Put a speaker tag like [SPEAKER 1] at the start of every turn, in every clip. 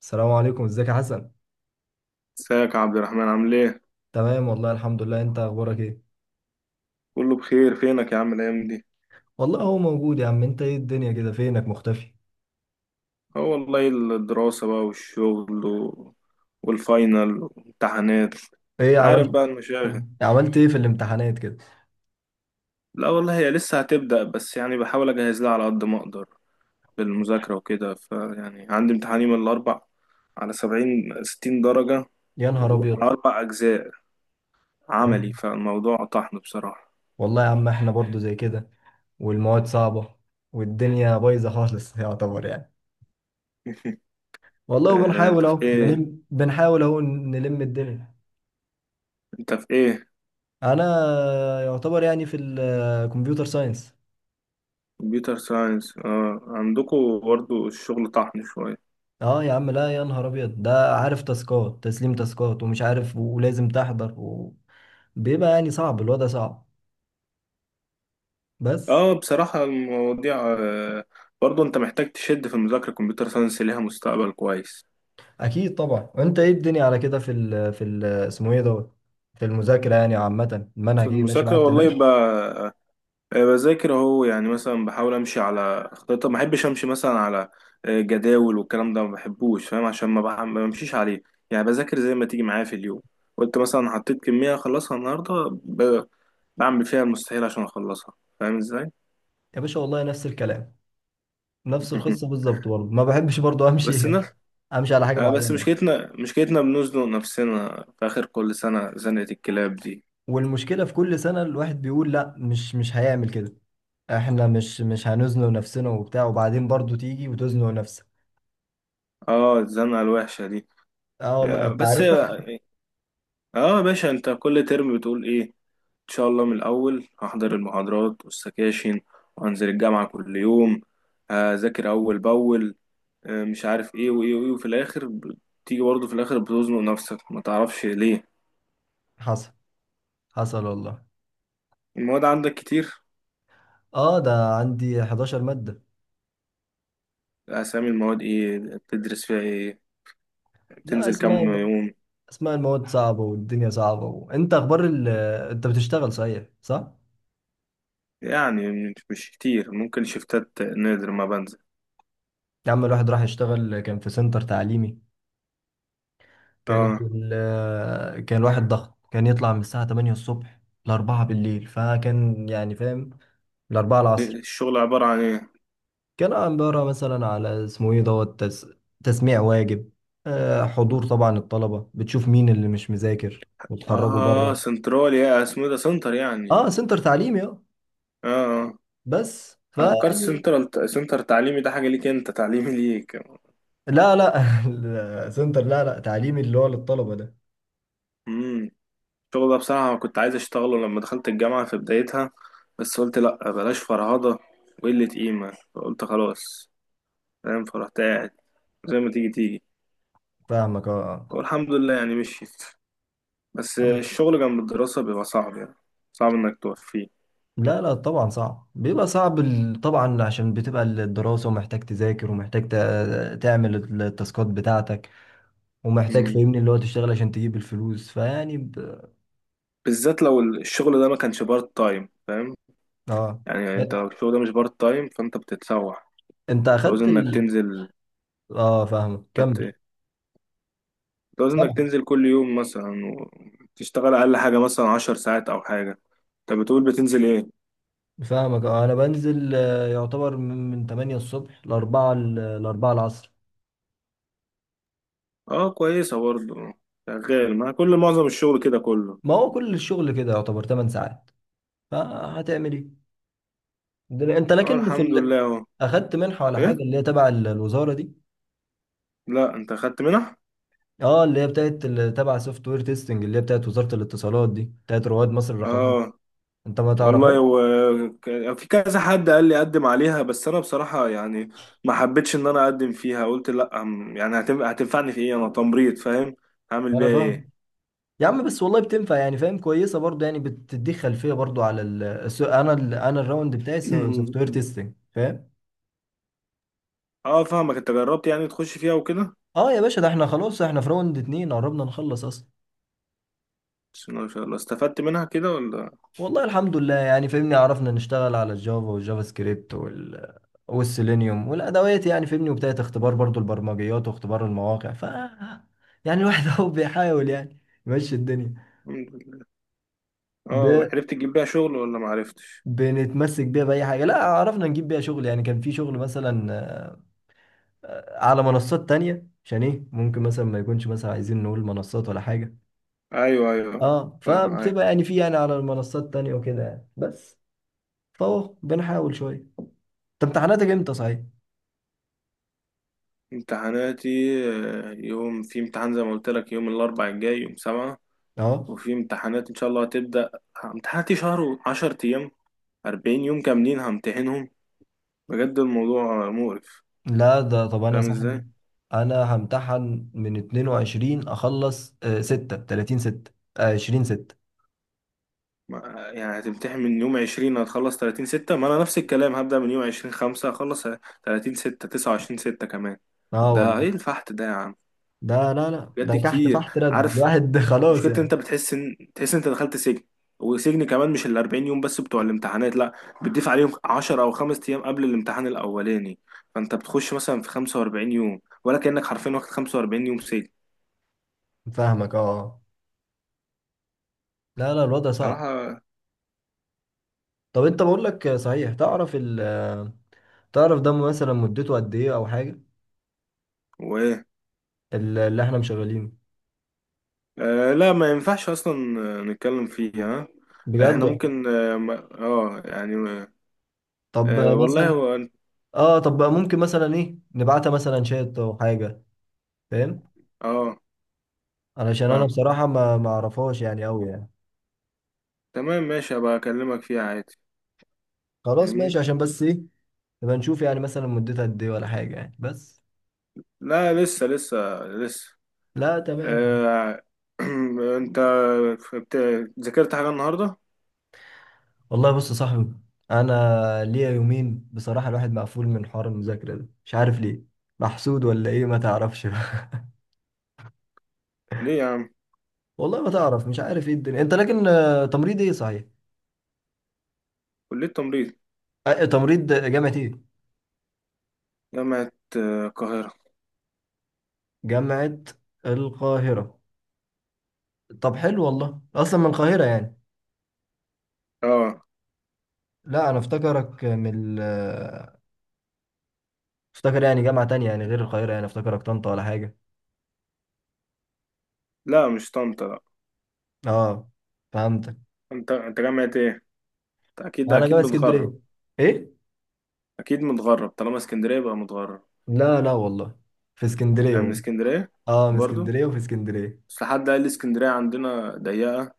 [SPEAKER 1] السلام عليكم، ازيك يا حسن؟
[SPEAKER 2] ازيك يا عبد الرحمن؟ عامل ايه؟
[SPEAKER 1] تمام، والله الحمد لله. انت اخبارك ايه؟
[SPEAKER 2] كله بخير، فينك يا عم الأيام دي؟
[SPEAKER 1] والله هو موجود يا عم. انت ايه الدنيا كده، فينك مختفي؟
[SPEAKER 2] اه والله، الدراسة بقى والشغل و... والفاينل والامتحانات.
[SPEAKER 1] ايه
[SPEAKER 2] عارف
[SPEAKER 1] عملت؟
[SPEAKER 2] بقى المشاغل.
[SPEAKER 1] عملت ايه في الامتحانات كده؟
[SPEAKER 2] لا والله، هي لسه هتبدأ، بس يعني بحاول أجهز لها على قد ما أقدر بالمذاكرة وكده. فيعني عندي امتحان يوم الأربع على سبعين ستين درجة،
[SPEAKER 1] يا نهار ابيض.
[SPEAKER 2] وعلى أربع أجزاء
[SPEAKER 1] يا
[SPEAKER 2] عملي.
[SPEAKER 1] نهار-
[SPEAKER 2] فالموضوع طحن بصراحة.
[SPEAKER 1] والله يا عم احنا برضو زي كده. والمواد صعبة، والدنيا بايظة خالص يعتبر يعني. والله،
[SPEAKER 2] أنت
[SPEAKER 1] وبنحاول اهو
[SPEAKER 2] في إيه؟
[SPEAKER 1] نلم، الدنيا.
[SPEAKER 2] أنت في إيه؟
[SPEAKER 1] انا، يعتبر يعني في الكمبيوتر ساينس.
[SPEAKER 2] كمبيوتر ساينس. اه عندكم برضه الشغل طحن.
[SPEAKER 1] اه يا عم، لا، يا نهار ابيض، ده عارف، تاسكات، تسليم تاسكات، ومش عارف، ولازم تحضر و... بيبقى يعني صعب، الوضع صعب. بس.
[SPEAKER 2] اه بصراحة المواضيع، برضه انت محتاج تشد في المذاكرة. كمبيوتر ساينس ليها مستقبل كويس.
[SPEAKER 1] اكيد طبعا. وانت ايه الدنيا على كده، في ال اسمه ايه دوت؟ في المذاكره يعني عامه،
[SPEAKER 2] في
[SPEAKER 1] المنهج ايه، ماشي
[SPEAKER 2] المذاكرة
[SPEAKER 1] معاك تمام؟
[SPEAKER 2] والله بذاكر اهو. يعني مثلا بحاول امشي على خطة، ما بحبش امشي مثلا على جداول والكلام ده، ما بحبوش، فاهم؟ عشان ما بمشيش عليه. يعني بذاكر زي ما تيجي معايا في اليوم. قلت مثلا حطيت كمية اخلصها النهاردة، ب- بعمل فيها المستحيل عشان اخلصها. فاهم ازاي؟
[SPEAKER 1] يا باشا والله نفس الكلام. نفس القصه بالظبط، برضه ما بحبش برضه امشي
[SPEAKER 2] بس الناس...
[SPEAKER 1] امشي على حاجه
[SPEAKER 2] آه بس
[SPEAKER 1] معينه.
[SPEAKER 2] مشكلتنا بنزنق نفسنا في آخر كل سنة زنقة الكلاب دي.
[SPEAKER 1] والمشكله في كل سنه الواحد بيقول لا، مش هيعمل كده. احنا مش هنزنق نفسنا وبتاع، وبعدين برضه تيجي وتزنق نفسك.
[SPEAKER 2] اه الزنقة الوحشة دي.
[SPEAKER 1] اه والله،
[SPEAKER 2] آه
[SPEAKER 1] انت
[SPEAKER 2] بس
[SPEAKER 1] عارف.
[SPEAKER 2] اه، يا باشا انت كل ترم بتقول ايه؟ ان شاء الله من الأول هحضر المحاضرات والسكاشن، وهنزل الجامعة كل يوم، هذاكر أول بأول، آه مش عارف ايه وايه وايه. وفي الآخر بتيجي برضه في الآخر بتزنق نفسك ما تعرفش ليه.
[SPEAKER 1] حصل. حصل والله.
[SPEAKER 2] المواد عندك كتير؟
[SPEAKER 1] اه، ده عندي 11 مادة.
[SPEAKER 2] أسامي المواد ايه؟ بتدرس فيها ايه؟
[SPEAKER 1] لا،
[SPEAKER 2] بتنزل كام
[SPEAKER 1] اسماء،
[SPEAKER 2] يوم؟
[SPEAKER 1] اسماء المواد صعبة، والدنيا صعبة. وانت اخبار ال... انت بتشتغل صحيح، صح؟
[SPEAKER 2] يعني مش كتير، ممكن شفتات، نادر ما بنزل.
[SPEAKER 1] يا عم الواحد راح يشتغل، كان في سنتر تعليمي. كانت
[SPEAKER 2] اه
[SPEAKER 1] ال... كان الواحد ضغط، كان يطلع من الساعة 8 الصبح ل 4 بالليل، فكان يعني فاهم، ل 4 العصر.
[SPEAKER 2] الشغل عبارة عن ايه؟
[SPEAKER 1] كان عبارة مثلا على اسمه ايه دوت تس... تسميع واجب، حضور طبعا الطلبة، بتشوف مين اللي مش مذاكر وتخرجه
[SPEAKER 2] اه
[SPEAKER 1] بره.
[SPEAKER 2] سنترال، يا اسمه إيه ده، سنتر يعني؟
[SPEAKER 1] اه سنتر تعليمي اه.
[SPEAKER 2] اه. اه
[SPEAKER 1] بس
[SPEAKER 2] انا فكرت
[SPEAKER 1] فيعني.
[SPEAKER 2] سنترال سنتر تعليمي ده حاجة ليك انت، تعليمي ليك.
[SPEAKER 1] لا لا السنتر لا لا تعليمي، اللي هو للطلبة ده.
[SPEAKER 2] امم. الشغل ده بصراحة كنت عايز اشتغله لما دخلت الجامعة في بدايتها، بس قلت لا بلاش فرهضة وقلة قيمة، فقلت خلاص، فاهم؟ فرحت قاعد زي ما تيجي تيجي.
[SPEAKER 1] فاهمك اه.
[SPEAKER 2] والحمد لله يعني مشيت. بس
[SPEAKER 1] آه.
[SPEAKER 2] الشغل جنب الدراسة بيبقى صعب يعني، صعب انك توفيه.
[SPEAKER 1] لا لا طبعا صعب، بيبقى صعب طبعا عشان بتبقى الدراسة، ومحتاج تذاكر، ومحتاج تعمل التاسكات بتاعتك. ومحتاج فاهمني اللي هو تشتغل عشان تجيب الفلوس، فيعني ب...
[SPEAKER 2] بالذات لو الشغل ده ما كانش بارت تايم، فاهم؟
[SPEAKER 1] اه.
[SPEAKER 2] يعني انت لو الشغل ده مش بارت تايم، فانت بتتسوح.
[SPEAKER 1] انت
[SPEAKER 2] تعوز
[SPEAKER 1] اخدت
[SPEAKER 2] انك
[SPEAKER 1] ال...
[SPEAKER 2] تنزل.
[SPEAKER 1] اه فاهمك، كمل.
[SPEAKER 2] هت- تعوز انك
[SPEAKER 1] سامع.
[SPEAKER 2] تنزل كل يوم مثلا، وتشتغل اقل حاجة مثلا عشر ساعات او حاجة. انت بتقول بتنزل ايه؟
[SPEAKER 1] فاهمك اه، انا بنزل، يعتبر من 8 الصبح، ل 4، العصر.
[SPEAKER 2] اه كويسة برضه. شغال، ما كل معظم الشغل كده كله.
[SPEAKER 1] ما هو كل الشغل كده يعتبر 8 ساعات. فهتعمل ايه دلوقتي؟ انت
[SPEAKER 2] اه
[SPEAKER 1] لكن في
[SPEAKER 2] الحمد
[SPEAKER 1] ال...
[SPEAKER 2] لله اهو.
[SPEAKER 1] اخدت منحه ولا
[SPEAKER 2] ايه؟
[SPEAKER 1] حاجه، اللي هي تبع الوزاره دي؟
[SPEAKER 2] لا انت خدت منح؟
[SPEAKER 1] اه اللي هي بتاعت تبع سوفت وير تيستنج، اللي هي بتاعت وزاره الاتصالات دي، بتاعت رواد مصر الرقميه.
[SPEAKER 2] اه
[SPEAKER 1] انت ما
[SPEAKER 2] والله
[SPEAKER 1] تعرفهاش؟
[SPEAKER 2] هو في كذا حد قال لي اقدم عليها، بس انا بصراحة يعني ما حبيتش ان انا اقدم فيها. قلت لا يعني هتنفعني في ايه؟ انا تمريض، فاهم؟ هعمل بيها
[SPEAKER 1] انا فاهم.
[SPEAKER 2] ايه؟
[SPEAKER 1] يا عم بس والله بتنفع يعني، فاهم. كويسه برضو يعني، بتديك خلفيه برضو على ال... انا ال... انا الراوند بتاعي سوفت وير تيستنج، فاهم.
[SPEAKER 2] اه فاهمك. انت جربت يعني تخش فيها وكده؟
[SPEAKER 1] اه يا باشا، ده احنا خلاص، احنا في راوند اتنين، قربنا نخلص اصلا.
[SPEAKER 2] بس ما شاء الله استفدت منها كده ولا؟
[SPEAKER 1] والله الحمد لله يعني، فاهمني. عرفنا نشتغل على الجافا والجافا سكريبت، وال والسيلينيوم والادوات، يعني فاهمني، وبدايه اختبار برضو البرمجيات واختبار المواقع، ف يعني الواحد اهو بيحاول يعني يمشي الدنيا.
[SPEAKER 2] الحمد لله.
[SPEAKER 1] ب...
[SPEAKER 2] اه عرفت تجيب بيها شغل ولا ما عرفتش؟
[SPEAKER 1] بنتمسك بيها باي حاجه. لا، عرفنا نجيب بيها شغل يعني، كان في شغل مثلا على منصات تانية، عشان ايه ممكن مثلا ما يكونش، مثلا عايزين نقول منصات ولا حاجه.
[SPEAKER 2] ايوه ايوه،
[SPEAKER 1] اه،
[SPEAKER 2] فاهم معاك.
[SPEAKER 1] فبتبقى يعني، في يعني، على المنصات تانية وكده يعني، بس. فهو بنحاول شويه. انت امتحاناتك امتى، صحيح؟
[SPEAKER 2] امتحاناتي، يوم في امتحان زي ما قلت لك، يوم الاربع الجاي، يوم سبعة.
[SPEAKER 1] اه.
[SPEAKER 2] وفي امتحانات ان شاء الله هتبدأ. امتحاناتي شهر وعشر ايام، 40 يوم كاملين همتحنهم. بجد الموضوع مقرف.
[SPEAKER 1] لا ده، طب انا
[SPEAKER 2] فاهم
[SPEAKER 1] صاحبي،
[SPEAKER 2] ازاي؟
[SPEAKER 1] انا همتحن من 22، اخلص 6 30 6، 20 6.
[SPEAKER 2] يعني هتمتحن من يوم 20، هتخلص 30 6. ما انا نفس الكلام. هبدأ من يوم 20 5، هخلص 30 6، 29 6 كمان.
[SPEAKER 1] اه
[SPEAKER 2] ده
[SPEAKER 1] والله.
[SPEAKER 2] ايه الفحت ده يا عم؟
[SPEAKER 1] ده لا لا،
[SPEAKER 2] بجد
[SPEAKER 1] ده تحت
[SPEAKER 2] كتير.
[SPEAKER 1] فحت، رد
[SPEAKER 2] عارف
[SPEAKER 1] الواحد خلاص
[SPEAKER 2] مشكلة إن انت
[SPEAKER 1] يعني.
[SPEAKER 2] بتحس ان، تحس إن انت دخلت سجن؟ وسجن كمان مش ال 40 يوم بس بتوع الامتحانات، لا، بتضيف عليهم 10 او 5 ايام قبل الامتحان الاولاني. فانت بتخش مثلا في 45 يوم، ولا كأنك حرفيا واخد 45 يوم سجن.
[SPEAKER 1] فاهمك اه. لا لا الوضع صعب.
[SPEAKER 2] صراحة.
[SPEAKER 1] طب انت بقول لك، صحيح، تعرف ال آه، تعرف ده مثلا مدته قد ايه او حاجه،
[SPEAKER 2] و
[SPEAKER 1] اللي احنا مشغلينه؟
[SPEAKER 2] آه لا، ما ينفعش اصلا نتكلم فيها.
[SPEAKER 1] بجد.
[SPEAKER 2] احنا ممكن اه يعني.
[SPEAKER 1] طب
[SPEAKER 2] آه والله
[SPEAKER 1] مثلا.
[SPEAKER 2] هو
[SPEAKER 1] اه طب ممكن مثلا ايه نبعتها مثلا شات او حاجه؟ فاهم.
[SPEAKER 2] اه
[SPEAKER 1] علشان انا
[SPEAKER 2] فاهم.
[SPEAKER 1] بصراحه ما اعرفهاش يعني قوي يعني.
[SPEAKER 2] تمام ماشي، هبقى اكلمك فيها عادي،
[SPEAKER 1] خلاص
[SPEAKER 2] فاهمني.
[SPEAKER 1] ماشي، عشان بس ايه، نبقى نشوف يعني مثلا مدتها قد ايه ولا حاجة يعني، بس.
[SPEAKER 2] لا لسه لسه، لسه.
[SPEAKER 1] لا تمام يعني.
[SPEAKER 2] آه. انت بت- ذاكرت حاجة النهاردة؟
[SPEAKER 1] والله بص يا صاحبي، انا ليا يومين بصراحة الواحد مقفول من حوار المذاكرة ده، مش عارف ليه، محسود ولا ايه ما تعرفش بقى.
[SPEAKER 2] ليه يا عم؟
[SPEAKER 1] والله ما تعرف، مش عارف ايه الدنيا. انت لكن تمريض، ايه صحيح؟
[SPEAKER 2] كلية تمريض،
[SPEAKER 1] تمريض جامعة ايه؟
[SPEAKER 2] جامعة القاهرة.
[SPEAKER 1] جامعة القاهرة. طب حلو. والله اصلا من القاهرة يعني؟
[SPEAKER 2] اه.
[SPEAKER 1] لا انا افتكرك من افتكر يعني جامعة تانية يعني غير القاهرة، يعني افتكرك طنطا ولا حاجة.
[SPEAKER 2] لا مش طنطا، لا.
[SPEAKER 1] اه فهمت.
[SPEAKER 2] انت جامعة ايه؟ أنت اكيد
[SPEAKER 1] انا
[SPEAKER 2] اكيد
[SPEAKER 1] جاي اسكندريه.
[SPEAKER 2] متغرب.
[SPEAKER 1] ايه؟
[SPEAKER 2] اكيد متغرب، طالما اسكندرية يبقى متغرب.
[SPEAKER 1] لا لا والله، في اسكندريه
[SPEAKER 2] يعني من
[SPEAKER 1] والله.
[SPEAKER 2] اسكندرية
[SPEAKER 1] اه من
[SPEAKER 2] برضو؟
[SPEAKER 1] اسكندريه وفي اسكندريه.
[SPEAKER 2] بس حد قال لي اسكندرية عندنا ضيقة،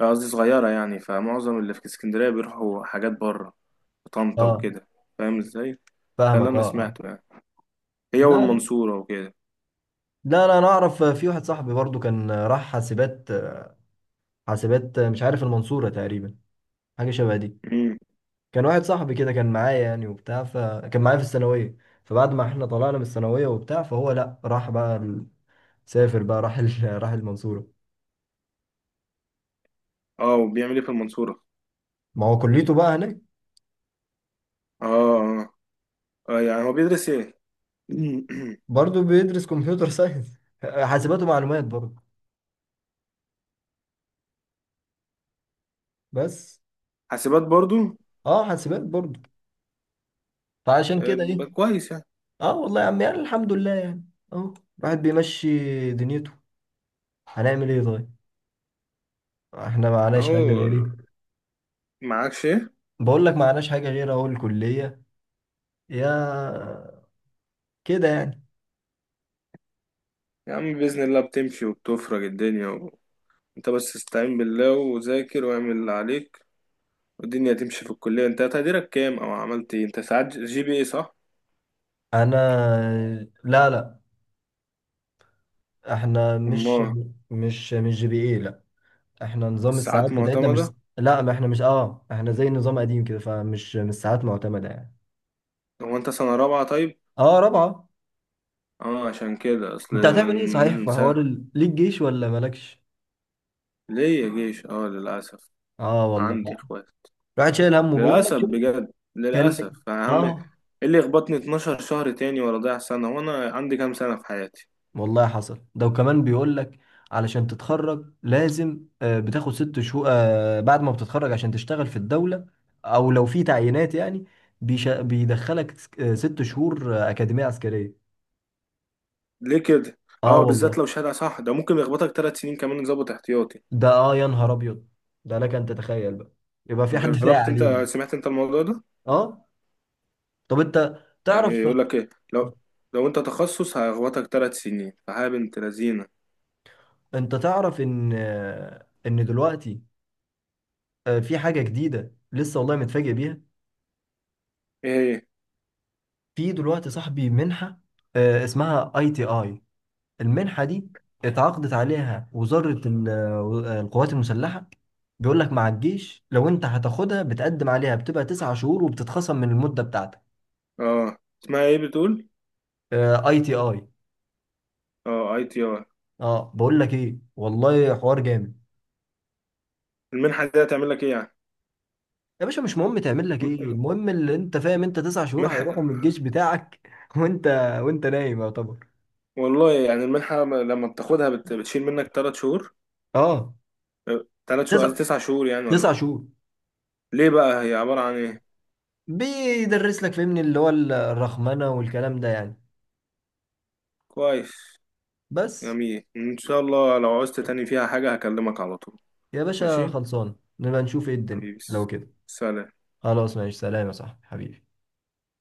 [SPEAKER 2] قصدي صغيرة يعني، فمعظم اللي في اسكندرية بيروحوا حاجات بره، طنطا
[SPEAKER 1] اه
[SPEAKER 2] وكده، فاهم ازاي؟ ده اللي
[SPEAKER 1] فاهمك
[SPEAKER 2] انا
[SPEAKER 1] اه اه.
[SPEAKER 2] سمعته يعني، هي
[SPEAKER 1] لا لا.
[SPEAKER 2] والمنصورة وكده.
[SPEAKER 1] لا لا، انا اعرف في واحد صاحبي برضو كان راح حاسبات. حاسبات، مش عارف، المنصوره تقريبا، حاجه شبه دي.
[SPEAKER 2] امم.
[SPEAKER 1] كان واحد صاحبي كده، كان معايا يعني وبتاع، فكان معايا في الثانويه. فبعد ما احنا طلعنا من الثانويه وبتاع، فهو لا، سافر بقى، راح المنصوره.
[SPEAKER 2] اه، وبيعمل ايه في المنصورة؟
[SPEAKER 1] ما هو كليته بقى هناك.
[SPEAKER 2] اه اه. يعني هو بيدرس ايه؟
[SPEAKER 1] برضو بيدرس كمبيوتر ساينس حاسبات ومعلومات برضو بس.
[SPEAKER 2] حاسبات برضو.
[SPEAKER 1] اه حاسبات برضه. فعشان كده ايه.
[SPEAKER 2] كويس يعني.
[SPEAKER 1] اه والله يا عم يعني، الحمد لله يعني. اه الواحد بيمشي دنيته. هنعمل ايه طيب؟ احنا معناش
[SPEAKER 2] اهو.
[SPEAKER 1] حاجه غير ايه.
[SPEAKER 2] معاكش ايه؟
[SPEAKER 1] بقول لك معناش حاجه غير اهو الكليه. يا، كده يعني.
[SPEAKER 2] يا عم بإذن الله بتمشي وبتفرج الدنيا و... انت بس استعين بالله وذاكر واعمل اللي عليك والدنيا تمشي. في الكلية انت تقديرك كام؟ او عملت ايه انت ساعات؟ جي بي اي صح؟
[SPEAKER 1] انا. لا لا. احنا مش،
[SPEAKER 2] امال؟
[SPEAKER 1] مش جي بي ايه لا. احنا نظام الساعات
[SPEAKER 2] الساعات
[SPEAKER 1] بتاعتنا مش.
[SPEAKER 2] معتمدة؟
[SPEAKER 1] لا، ما احنا مش، اه احنا زي نظام قديم كده، فمش مش ساعات معتمده يعني.
[SPEAKER 2] هو انت سنة رابعة طيب؟
[SPEAKER 1] اه رابعه.
[SPEAKER 2] اه عشان كده اصل
[SPEAKER 1] انت هتعمل ايه،
[SPEAKER 2] من
[SPEAKER 1] صحيح، في
[SPEAKER 2] سنة.
[SPEAKER 1] حوار ال... ليك جيش ولا مالكش؟
[SPEAKER 2] ليه يا جيش؟ اه للأسف.
[SPEAKER 1] اه والله،
[SPEAKER 2] عندي اخوات.
[SPEAKER 1] الواحد شايل همه، بيقول لك
[SPEAKER 2] للأسف
[SPEAKER 1] شوف.
[SPEAKER 2] بجد،
[SPEAKER 1] كان.
[SPEAKER 2] للأسف يعني هعمل ايه؟
[SPEAKER 1] اه.
[SPEAKER 2] إيه اللي يخبطني 12 شهر تاني ولا ضيع سنة؟ وانا عندي كام سنة في حياتي؟
[SPEAKER 1] والله حصل. ده وكمان بيقول لك علشان تتخرج لازم بتاخد ست شهور بعد ما بتتخرج عشان تشتغل في الدولة، او لو في تعيينات يعني. بيدخلك ست شهور أكاديمية عسكرية.
[SPEAKER 2] ليه كده؟
[SPEAKER 1] اه
[SPEAKER 2] اه بالذات
[SPEAKER 1] والله،
[SPEAKER 2] لو شهادة، صح، ده ممكن يخبطك ثلاث سنين كمان يظبط احتياطي.
[SPEAKER 1] ده اه يا نهار ابيض، ده لك ان تتخيل بقى. يبقى في حد ساعة
[SPEAKER 2] جربت
[SPEAKER 1] عليك؟
[SPEAKER 2] انت، سمعت انت الموضوع ده؟
[SPEAKER 1] اه طب انت
[SPEAKER 2] يعني
[SPEAKER 1] تعرف،
[SPEAKER 2] يقول لك إيه لو، لو أنت تخصص هيخبطك تلات سنين، فحاجة بنت لذينة.
[SPEAKER 1] انت تعرف ان دلوقتي في حاجة جديدة لسه، والله متفاجئ بيها.
[SPEAKER 2] إيه هي؟
[SPEAKER 1] في دلوقتي صاحبي منحة، اسمها اي تي اي. المنحة دي اتعاقدت عليها وزارة القوات المسلحة. بيقول لك مع الجيش، لو انت هتاخدها، بتقدم عليها بتبقى تسع شهور وبتتخصم من المدة بتاعتك.
[SPEAKER 2] أه اسمها إيه بتقول؟
[SPEAKER 1] اي تي اي.
[SPEAKER 2] أه أي تي آر.
[SPEAKER 1] اه بقول لك ايه، والله حوار جامد.
[SPEAKER 2] المنحة دي هتعمل لك إيه يعني؟
[SPEAKER 1] يا باشا مش مهم تعمل لك ايه، المهم اللي انت فاهم، انت تسع شهور
[SPEAKER 2] منحة.
[SPEAKER 1] هيروحوا من الجيش بتاعك وانت، وانت نايم يعتبر.
[SPEAKER 2] والله يعني المنحة لما بتاخدها بتشيل منك تلات شهور؟
[SPEAKER 1] اه.
[SPEAKER 2] أه، تلات شهور
[SPEAKER 1] تسع
[SPEAKER 2] قصدي تسع شهور يعني
[SPEAKER 1] تسع
[SPEAKER 2] ولا؟
[SPEAKER 1] شهور.
[SPEAKER 2] ليه بقى، هي عبارة عن إيه؟
[SPEAKER 1] بيدرس لك فهمني اللي هو الرخمنة والكلام ده يعني،
[SPEAKER 2] كويس.
[SPEAKER 1] بس.
[SPEAKER 2] جميل إن شاء الله، لو عوزت تاني فيها حاجة هكلمك على طول.
[SPEAKER 1] يا باشا
[SPEAKER 2] ماشي.
[SPEAKER 1] خلصان، نبقى نشوف ايه الدنيا
[SPEAKER 2] حبيبي.
[SPEAKER 1] لو كده.
[SPEAKER 2] سلام.
[SPEAKER 1] خلاص ماشي، سلام يا صاحبي حبيبي.